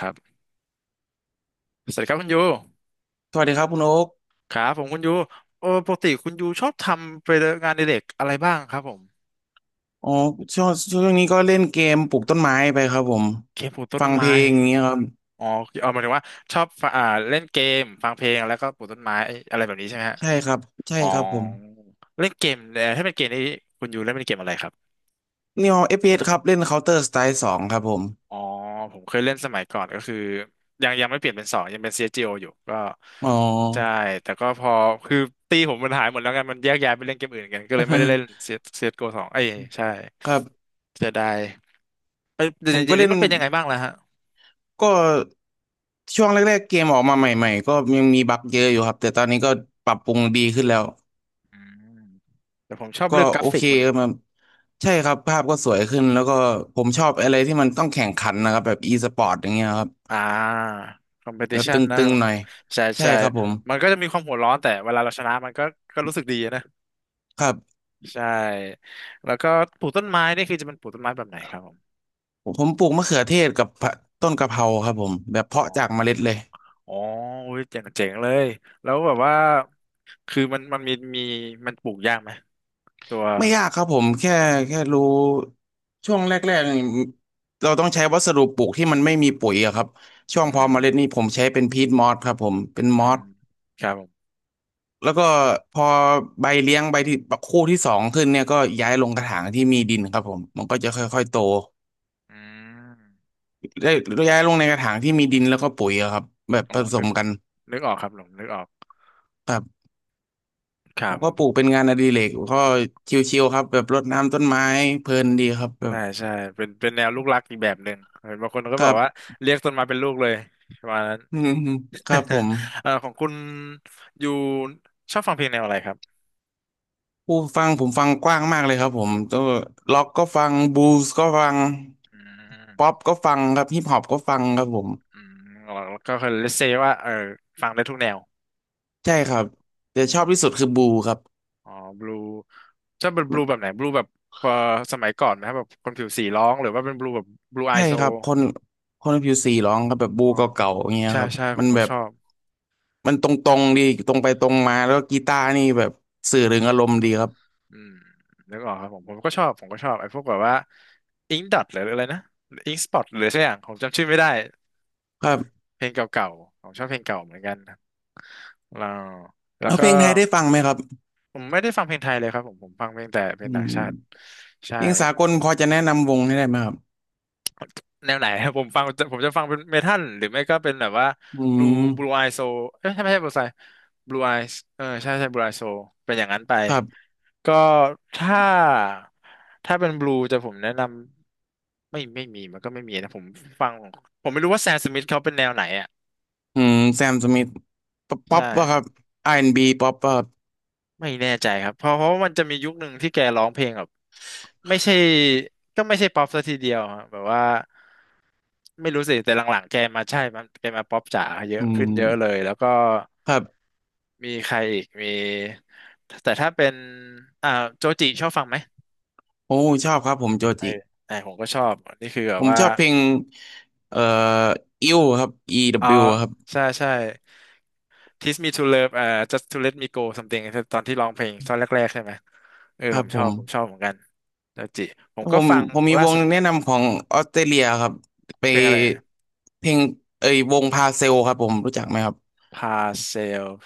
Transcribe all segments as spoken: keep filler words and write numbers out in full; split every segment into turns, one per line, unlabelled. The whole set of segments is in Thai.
ครับสวัสดีครับคุณยู
สวัสดีครับคุณโอ๊ก
ครับผมคุณยูเออปกติคุณยูชอบทำไปงานอดิเรกอะไรบ้างครับผม
อ๋อช่วงช่วงนี้ก็เล่นเกมปลูกต้นไม้ไปครับผม
เกมปลูกต้น
ฟังเพ
ไม้
ลงอย่างเงี้ยครับ
อ๋อเอาหมายถึงว่าชอบฟังอ่าเล่นเกมฟังเพลงแล้วก็ปลูกต้นไม้อะไรแบบนี้ใช่ไหมฮะ
ใช่ครับใช่
อ๋อ
ครับผม
เล่นเกมเอ่อถ้าเป็นเกมนี้คุณยูเล่นเป็นเกมอะไรครับ
นี่เอา เอฟ พี เอส ครับเล่น Counter Strike สองครับผม
อ๋อผมเคยเล่นสมัยก่อนก็คือยังยังไม่เปลี่ยนเป็นสองยังเป็น ซี เอส จี โอ อสจีโออยู่ก็
อ๋อ
ใช่แต่ก็พอคือตีผมมันหายหมดแล้วกันมันแยกย้ายไปเล่นเกมอื่นกันก็เลยไม่ได้เล่น ซี เอส ซี เอส จี โอ สจีโอสองเอ้ยใช่
ครับ
เสียดายเอ้ยเดี๋
ผ
ย
ม
วเดี๋
ก็
ยว
เล่
นี้
น
มันเป็นยังไงบ้างล่ะฮะ
ก็ช่วงแรกๆเกมออกมาใหม่ๆก็ยังมีบั๊กเยอะอยู่ครับแต่ตอนนี้ก็ปรับปรุงดีขึ้นแล้ว
อืมแต่ผมชอบ
ก็
เรื่องกรา
โอ
ฟิ
เค
กมัน
ครับมันใช่ครับภาพก็สวยขึ้นแล้วก็ผมชอบอะไรที่มันต้องแข่งขันนะครับแบบ e-sport อย่างเงี้ยครับ
อ่า
แบบต
competition นะ
ึ
ครับ
งๆหน่อย
ใช่
ใช่
ใช่
ครับผม
มันก็จะมีความหัวร้อนแต่เวลาเราชนะมันก็ก็รู้สึกดีนะ
ครับ
ใช่แล้วก็ปลูกต้นไม้นี่คือจะเป็นปลูกต้นไม้แบบไหนครับผม
ผมปลูกมะเขือเทศกับผะต้นกะเพราครับผมแบบ
อ๋อ
เพาะจากเมล็ดเลย
อ๋ออุ้ยเจ๋งเจ๋งเลยแล้วแบบว่าคือมันมันมีมีมันปลูกยากไหมตัว
ไม่ยากครับผมแค่แค่รู้ช่วงแรกๆนี่เราต้องใช้วัสดุปลูกที่มันไม่มีปุ๋ยอะครับช่วง
อื
เพอ
ม
เมล็ดนี่ผมใช้เป็นพีทมอสครับผมเป็น
อื
มอ
ม
ส
ครับผม
แล้วก็พอใบเลี้ยงใบที่คู่ที่สองขึ้นเนี่ยก็ย้ายลงกระถางที่มีดินครับผมมันก็จะค่อยๆโต
อืม
ได้ย้ายลงในกระถางที่มีดินแล้วก็ปุ๋ยอะครับแบบ
อ๋อ
ผส
นึ
ม
ก
กัน
นึกออกครับผมนึกออกครั
ผ
บ
ม
ผ
ก็ปลูก
ม
เป็นงานอดิเรกก็ชิวๆครับแบบรดน้ำต้นไม้เพลินดีครับแบ
ใช่
บ
ใช่เป็นเป็นแนวลูกรักอีกแบบหนึ่งเห็นบางคนก็
ค
แบ
รั
บ
บ
ว่าเรียกต้นไม้เป็นลูกเลยประมาณนั้น
อืมๆครับผม
เอ่อของคุณอยู่ชอบฟังเพลงแนวอะไรครับ
ผู้ฟังผมฟังกว้างมากเลยครับผมตัวล็อกก็ฟังบลูส์ก็ฟัง
อื
ป๊อ
ม
ปก็ฟังครับฮิปฮอปก็ฟังครับผม
อืมแล้วก็คือเลสเซว่าเออฟังได้ทุกแนว
ใช่ครับแต่
อื
ชอ
ม
บที่สุดคือบลูครับ
อ๋อบลูชอบเป็นบลูแบบไหนบลูแบบพอสมัยก่อนไหมครับแบบคนผิวสีร้องหรือว่าเป็นบลูแบบบลูไอ
ใช่
โซ
ครับคนคนผิวสีร้องครับแบบบลู
อ๋อ
เก่าๆอย่างเงี้ย
ใช่
ครับ
ใช่ผ
มัน
มก็
แบ
ช
บ
อบ
มันตรงๆดีตรงไปตรงมาแล้วกีตาร์นี่แบบสื่อถึงอารมณ์ดีครับ
อืมนึกออกครับผมผมก็ชอบผมก็ชอบไอ้พวกแบบว่าอิงดอทหรืออะไรนะอิงสปอตหรือสักอย่างผมจำชื่อไม่ได้
ครับ
เพลงเก่าๆผมชอบเพลงเก่าเหมือนกันครับแล้วแล้ว
เอา
ก็
เพลงไทยได้ฟังไหมครับ
ผมไม่ได้ฟังเพลงไทยเลยครับผมผมฟังเพลงแต่เพล
อื
งต่างชาติ
ม
ใช่
เพลงสากลพอจะแนะนำวงให้ได้ไหมครับ
แนวไหนครับ ผมฟังผมจะฟังเป็นเมทัลหรือไม่ก็เป็นแบบว่า
อื
บลู
ม
บลูไอโซเอ้ยใช่ไม่ใช่บลูไซบลูไอเออใช่ใช่บลูไอโซเป็นอย่างนั้นไป
ครับ
ก็ถ้าถ้าเป็นบลูจะผมแนะนำไม่ไม่มีมันก็ไม่มีนะผมฟังผมไม่รู้ว่าแซมสมิธเขาเป็นแนวไหนอ่ะ
อืมแซมสมิธป๊อ
ใช่
ปปอ่ะครับอาร์แอนด์บีป๊อปป่ะครับ
ไม่แน่ใจครับเพราะเพราะว่ามันจะมียุคหนึ่งที่แกร้องเพลงแบบไม่ใช่ก็ไม่ใช่ป๊อปซะทีเดียวอะแบบว่า ไม่รู้สิแต่หลังๆแกมาใช่มันแกมาป๊อปจ๋าเย
อื
อะขึ้นเยอะเล
ม
ยแล้วก็
ครับ
มีใครอีกมีแต่ถ้าเป็นอ่าโจจิชอบฟังไหม
โอ้ชอบครับผมโจ
เออ
จิ
ไออผมก็ชอบนนี่คือแบ
ผ
บ
ม
ว่า
ชอบเพลงเอ่ออิวครับ
อ๋อ
อี ดับเบิลยู ครับ
ใช่ใช่ Teach me to love อ่า just to let me go something ตอนที่ร้องเพลงตอนแรกๆใช่ไหมเออ
ค
ผ
รับ
มช
ผ
อบ
ม
ผมชอบเหมือนกันโจจิผม
แล้ว
ก็
ผม
ฟัง
ผมมี
ล่า
ว
สุ
ง
ด
แนะนำของออสเตรเลียครับไป
เพลงอะไร
เพลงเอ้ยวงพาเซลครับผมรู้จักไหมครับ
Parcel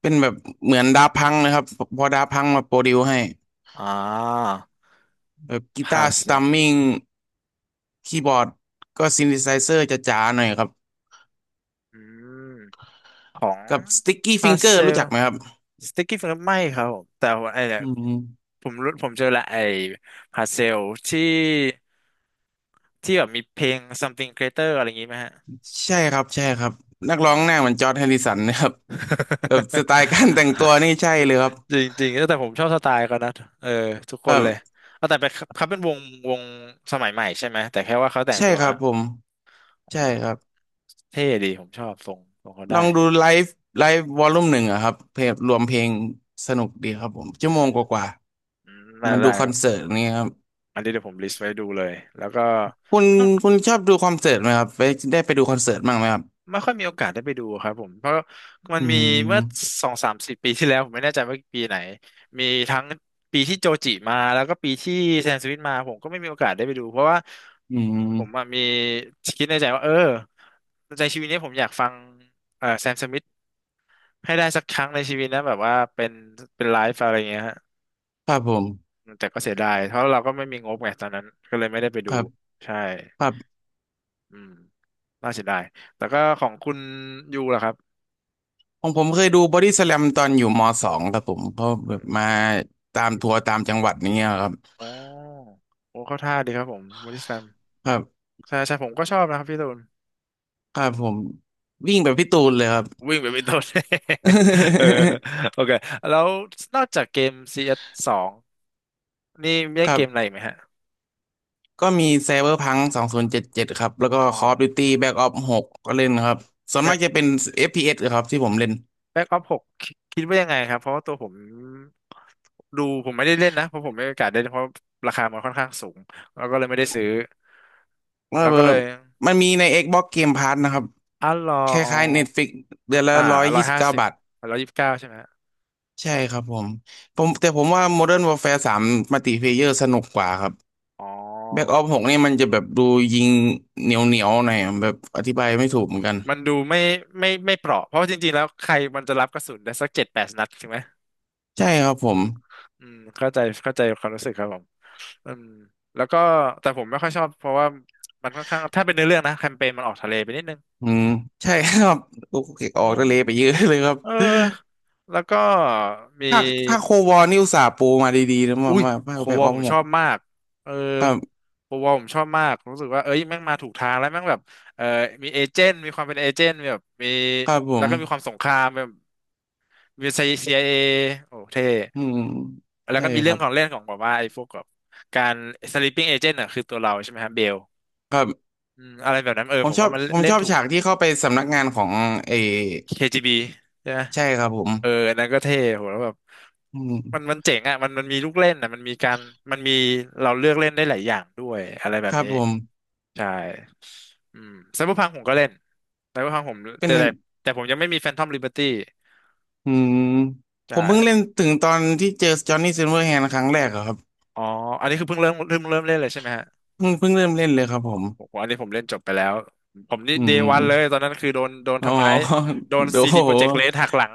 เป็นแบบเหมือนดาพังนะครับพอดาพังมาโปรดิวให้
อ่า
แบบกีตาร์สตัม
Parcel
มิง คีย์บอร์ดก็ซินธิไซเซอร์จะจ๋าๆหน่อยครับ
อืม ของ
กับสติ๊กกี้
พา
ฟิงเกอ
เซ
ร์รู้
ล
จักไหมครับ
สติ๊กกี้ฟิงเกอร์ไม่ครับผมแต่ว่าไอ้เนี่ย
อืม
ผมรู้ผมเจอละไอ้พาเซลที่ที่แบบมีเพลง something greater อะไรอย่างงี้ไหมฮะ
ใช่ครับใช่ครับนัก
อ๋อ
ร้องหน้าเหมือนจอร์จแฮริสันนะครับแบบสไตล์การแต่งตัวนี่ใช่เลยครับ
จริงๆแต่ผมชอบสไตล์เขานะเออทุกคน
แบบ
เลยเอาแต่เป็นเขาเป็นวงวงสมัยใหม่ใช่ไหมแต่แค่ว่าเขาแต่ง
ใช่
ตัว
ครับผม
อื
ใช่
ม
ครับ
เท่ดีผมชอบทรงทรงเขา
ล
ได้
องดูไลฟ์ไลฟ์วอลลุ่มหนึ่งอะครับเพลงรวมเพลงสนุกดีครับผมชั่
อื
วโม
ม
งกว่า
อืมได้
ๆมันดู
ได้
คอ
ค
น
รั
เสิ
บ
ร์ตนี่ครับ
อันนี้เดี๋ยวผมลิสต์ไว้ดูเลยแล้วก็
คุณคุณชอบดูคอนเสิร์ตไหมครับไปได้ไปดูคอนเสิร์ตบ้างไหมครับ
ไม่ค่อยมีโอกาสได้ไปดูครับผมเพราะมัน
อื
มีเมื่อ
ม
สองสามสิบปีที่แล้วผมไม่แน่ใจว่าปีไหนมีทั้งปีที่โจจิมาแล้วก็ปีที่แซมสมิธมาผมก็ไม่มีโอกาสได้ไปดูเพราะว่า
อืม
ผมอะมีคิดในใจว่าเออในชีวิตนี้ผมอยากฟังเอ่อแซมสมิธให้ได้สักครั้งในชีวิตนะแบบว่าเป็นเป็นไลฟ์อะไรเงี้ยฮะ
ครับผม
แต่ก็เสียดายเพราะเราก็ไม่มีงบไงตอนนั้นก็เลยไม่ได้ไป
ค
ดู
รับ
ใช่
ครับ
อืมน่าเสียดายแต่ก็ของคุณยูล่ะครับ
ของผมเคยดูบอดี้ส a ลมตอนอยู่มสองครับผมเพราะแบบมาตามทัวร์ตามจังหวัดนี้ยครับ
อ๋อโอ้เข้าท่าดีครับผมบอดี้สแลม
ครับ
ใช่ใช่ผมก็ชอบนะครับพี่ตูน
ครับผมวิ่งแบบพี่ตูนเลยครับ
วิ่งไปเป็นต้น เออ โอเคแล้วนอกจากเกม ซี เอส สสองนี่มีเล่
ค
น
รั
เกมอะไร
บ
อีกไหมฮะ
ก็มีไซเบอร์พังสองศูนย์เจ็ดเจ็ดครับแล้วก็
อ๋อ
คอฟด d u ตี b แบ็กออปหกก็เล่นครับส่วน
แบ็
มาก
ค
จะเป็น เอฟ พี เอส ครับที่ผมเล่น
แบ็คออฟหกคิดว่ายังไงครับเพราะว่าตัวผมดูผมไม่ได้เล่นนะเพราะผมไม่มีโอกาสได้เล่นเพราะราคามันค่อนข้างสูงแล้วก็เลยไม่ได้ซื้อ
ว่า
แล้ว
เอ
ก็
อ
เลย
มันมีใน Xbox Game Pass นะครับ
อ่ะรอ
ค
อ๋อ
ล้ายๆ Netflix เดือนละ
อ่า
ร้อย
ร้อ
ยี่
ย
สิบ
ห้า
เก้า
สิบ
บาท
ร้อยยี่สิบเก้าใช่ไหมฮะ
ใช่ครับผมผมแต่ผมว่า Modern Warfare สาม Multiplayer สนุกกว่าครับ
อ๋
แบ็กอ
อ
อฟหกนี่มันจะแบบดูยิงเหนียวเหนียวหน่อยอะแบบอธิบายไม่ถูกเหมือนกัน
มันดูไม่ไม่ไม่เปราะเพราะจริงๆแล้วใครมันจะรับกระสุนได้สักเจ็ดแปดนัดถูกไหม
ใช่ครับผม
อืมเข้าใจเข้าใจความรู้สึกครับผมอืมแล้วก็แต่ผมไม่ค่อยชอบเพราะว่ามันค่อนข้างถ้าเป็นเนื้อเรื่องนะแคมเปญมันออกทะเลไปนิดนึง
อืมใช่ครับลูกเก็กอ
ง
อก
ง
ทะเลไปเยอะเลยครับ
เออแล้วก็มี
ภาคภาคโควอนี่อุตส่าห์ปูมาดีๆนะมา
อุ้ย
มาภา
โค
คแบ็
ว
ก
อ
อ
ล
อฟ
ผม
ห
ช
ก
อบมากเออ
ครับ
โควอลผมชอบมากรู้สึกว่าเอ้ยแม่งมาถูกทางแล้วแม่งแบบเออมีเอเจนต์มีความเป็นเอเจนต์มีแบบมี
ครับผ
แล้ว
ม
ก็มีความสงครามแบบมีซีไอ i อโอ้เท่
อืม
แล้ว
ใช่
ก็มี
ค
เรื่อ
รั
ง
บ
ของเล่นของแบบว่าไอ้พวกแบบการ sleeping agent อ่ะคือตัวเราใช่ไหมฮะเบล
ครับ
อืมอะไรแบบนั้นเออ
ผม
ผม
ชอ
ว่า
บ
มัน
ผม
เล่
ช
น
อบ
ถูก
ฉากที่เข้าไปสำนักงานของเออ
เค จี บี ใช่ไหม
ใช่ครับผม
เอออันนั้นก็เท่โหแล้วแบบ
อื
มันมั
ม
นเจ๋งอ่ะมันมันมีลูกเล่นอ่ะมันมีการมันมีเราเลือกเล่นได้หลายอย่างด้วยอะไรแบ
ค
บ
รับ
นี้
ผม
ใช่อืมไซเบอร์พังผมก็เล่นไซเบอร์พังผม
เป็น
แต่แต่แต่ผมยังไม่มีแฟนทอมลิเบอร์ตี้
อืม
ใ
ผมเพิ่งเล่
ช่
นถึงตอนที่เจอจอห์นนี่ซิลเวอร์แฮนด์ครั้งแรกอะครับ
อ๋ออันนี้คือเพิ่งเริ่มเพิ่งเริ่มเล่นเลยใช่ไหมฮะ
เพิ่งเพิ่งเริ่มเล่นเลยครับผม
ผมอันนี้ผมเล่นจบไปแล้ว ผมนี่
อืม
เด
อ
วั
ม
นเลยตอนนั้นคือโดนโดน
อ๋อ
ทำร้าย โดน
โด
ซี
โห
ดีโปรเจกต์เลหักหลัง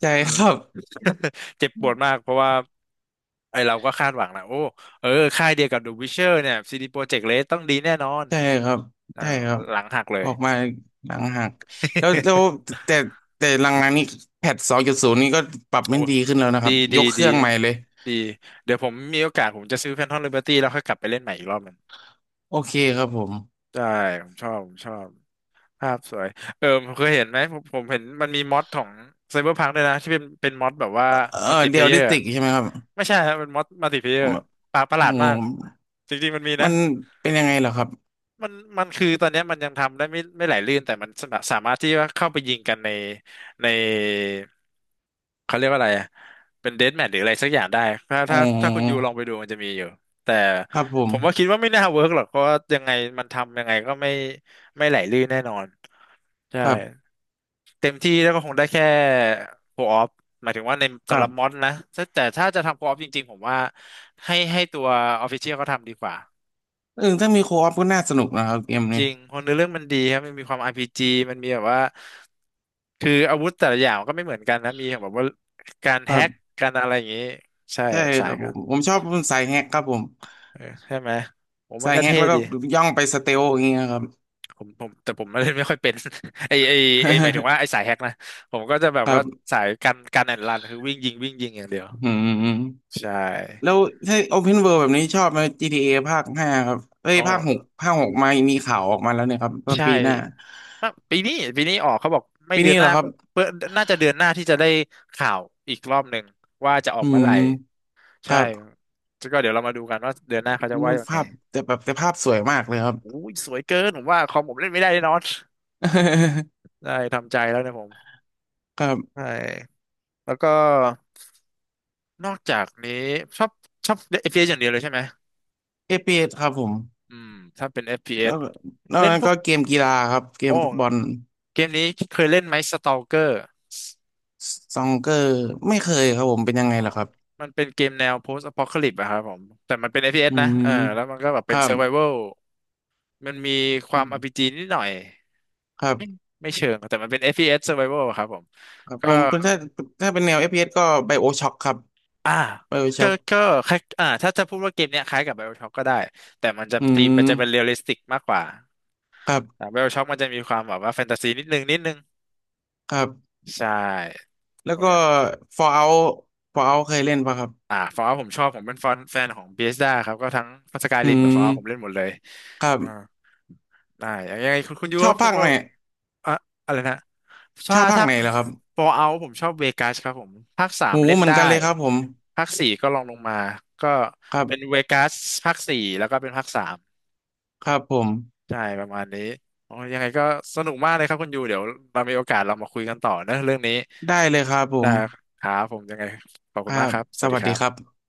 ใจ
เออ
ครับ
เจ็บปวดมากเพราะว่าไอเราก็คาดหวังนะโอ้ เออค่ายเดียวกับ The Witcher เนี่ย ซี ดี Projekt Red ตเลต้องดีแน่นอน
ใจครับใจ
อ่าว
ครับ
หลังหักเล
อ
ย
อกมาหลังหักแล้วแล้ว แต่แต่หลังๆนี้แพทสองจุดศูนย์นี่ก็ปรับ
โอ้
ไม่ดีขึ้นแล้วนะค
ดี
รับย
ดี
กเค
ดี
รื่องใหม่เลย
ดี เดี๋ยวผมมีโอกาสผมจะซื้อ Phantom Liberty แล้วค่อยกลับไปเล่นใหม่อีกรอบหนึง
โอเคครับผม
ได้ผมชอบผมชอบภาพสวย เออผมเคยเห็นไหมผมผมเห็นมันมีมอดของ Cyberpunk ด้วยนะที่เป็นเป็นมอดแบบว่า
เออ
มัลติเพ
เดี
ล
ยล
เยอ
ดิส
ร์
ติกใช่ไหมครับ
ไม่ใช่ครับเป็นมอสมัลติเพลเยอร์
ม
ปาประหลา
โอ้
ดมากจริงๆมันมีนะ
มันเป็นยังไงเหรอครับ
มันมันคือตอนเนี้ยมันยังทำได้ไม่ไม่ไหลลื่นแต่มันสาสามารถที่ว่าเข้าไปยิงกันในในเขาเรียกว่าอะไรอะเป็นเดธแมทหรืออะไรสักอย่างได้ถ้า
อ๋
ถ้าถ้าคุณยู
อ
ลองไปดูมันจะมีอยู่แต่
ครับผ
ผ
ม
มว่าคิดว่าไม่น่าเวิร์กหรอกเพราะว่ายังไงมันทำยังไงก็ไม่ไม่ไหลลื่นแน่นอนใช่
ครับ
เต็มที่แล้วก็คงได้แค่โคออฟหมายถึงว่าใน
ค
สำ
รั
หรับมอด
บ
นะแต่แต่ถ้าจะทำโคออฟจริงๆผมว่าให้ให้ตัวออฟฟิเชียลเขาทำดีกว่า
เออถ้ามีโคออฟก็น่าสนุกนะครับเกม
จ
นี้
ริงคนเนื้อเรื่องมันดีครับมันมีความ อาร์ พี จี มันมีแบบว่าคืออาวุธแต่ละอย่างก็ไม่เหมือนกันนะมีแบบว่าการ
ครั
แฮ็ก
บ
การอะไรอย่างนี้ใช่
ใช่
สา
ค
ย
รับผ
ก็
มผมชอบสายแฮกครับผม
เออใช่ไหมผมมั
ใส่
นก็
แฮก
เท่
แล้วก็
ดี
ย่องไปสเตลอย่างเงี้ยครับ
ผมผมแต่ผมไม่ได้ไม่ค่อยเป็น ไอไอไอหมายถึงว่าไอ สายแฮ็กนะผมก็จะแบบ
ครั
ว่า
บ
สายการการแอนรันคือวิ่งยิงวิ่งยิงอย่างเดียว
อืม
ใช่
แล้วถ้า Open World แบบนี้ชอบไหม จี ที เอ ภาคห้าครับเอ้ย
อ๋อ
ภาคหกภาคหกมามีข่าวออกมาแล้วเนี่ยครับว่า
ใช่
ปีหน้า
อะปีนี้ปีนี้ออกเขาบอกไม่
ปี
เดือ
นี้
นห
เหร
น้า
อครั
ก็
บ
เพื่อน่าจะเดือนหน้าที่จะได้ข่าวอีกรอบหนึ่งว่าจะออ
อื
กเมื่อไหร่
มค
ใช่
รับ
ก็เดี๋ยวเรามาดูกันว่าเดือนหน้าเขาจะว่ายังไง
ภาพแต่แบบแต่ภาพสวยมากเลยครับ
อุ้ยสวยเกินผมว่าคอมผมเล่นไม่ได้แน่นอน ได้ทำใจแล้วเนะผม
ครั
ใช่
บ
แล้วก็นอกจากนี้ชอบชอบ เอฟ พี เอส อฟพีเอสอย่างเดียวเลยใช่ไหม
เอฟพีเอสครับผม
อืมถ้าเป็น
แล้
เอฟ พี เอส
ว
เอ
น
ส
อก
เล่น
นั้น
พว
ก็
ก
เกมกีฬาครับเก
โอ้
มฟุตบอล
เกมนี้เคยเล่นไหม Stalker
ซองเกอร์ไม่เคยครับผมเป็นยัง
อ๋
ไง
อ
ล่ะครับ
มันเป็นเกมแนว post apocalypse อะครับผมแต่มันเป็น เอฟ พี เอส
อื
นะเอ
ม
อแล้วมันก็แบบ
ค
เป็น
รับ
survival มันมีความ อาร์ พี จี นิดหน่อย
ครั
ไม่
บ
ไม่เชิง แต่มันเป็น เอฟ พี เอส survival อะครับผม
ครับ
ก็
ผมถ้าถ้าเป็นแนว f อฟพีเอสก็ BioShock ครับ
อ่าก็
BioShock
ก็คล้ายอ่าถ้าจะพูดว่าเกมเนี้ยคล้ายกับ BioShock ก็ได้ แต่มันจะ
อื
ตีมมั
ม
นจะเป็นเรียลลิสติกมากกว่า
ครั
อ่
บ
BioShock มันจะมีความแบบว่าแฟนตาซีนิดนึงนิดนึง
ครับ
ใช่
แล้ว
โอ้
ก็
ย
Fallout Fallout เคยเล่นปะครับ
อ่าฟอร์ผมชอบ ผมเป็นแฟนแฟนของ Bethesda ครับ ก็ทั้งสกาย
อื
ริมกับฟอ
ม
ร์ผมเล่นหมดเลย
ครั
อ่า
บ
ได้ยังไงคุณคุณยู
ชอ
ว่า
บ
พว
ภา
ก
คไหน
ว่า อะอะไรนะ
ช
ถ้า
อบภาค
ถ้า
ไหนเหรอครับ
Fall Out ผมชอบเวกัสครับผมภาคสา
โห
มเล่น
เหมือน
ได้
กันเลยครับผม
ภาคสี่ก็ลองลงมาก็
ครั
เป็น
บ
เวกัสภาคสี่แล้วก็เป็นภาคสาม
ครับผม
ใช่ประมาณนี้โอ้ยยังไงก็สนุกมากเลยครับคุณยูเดี๋ยวเรามีโอกาสเรามาคุยกันต่อนะเรื่องนี้
ได้เลยครับผ
นะ
ม
ครับผมยังไงขอบ
ค
คุณ
รั
มาก
บ
ครับส
ส
วัสดี
วัส
ค
ดี
รั
ครั
บ
บ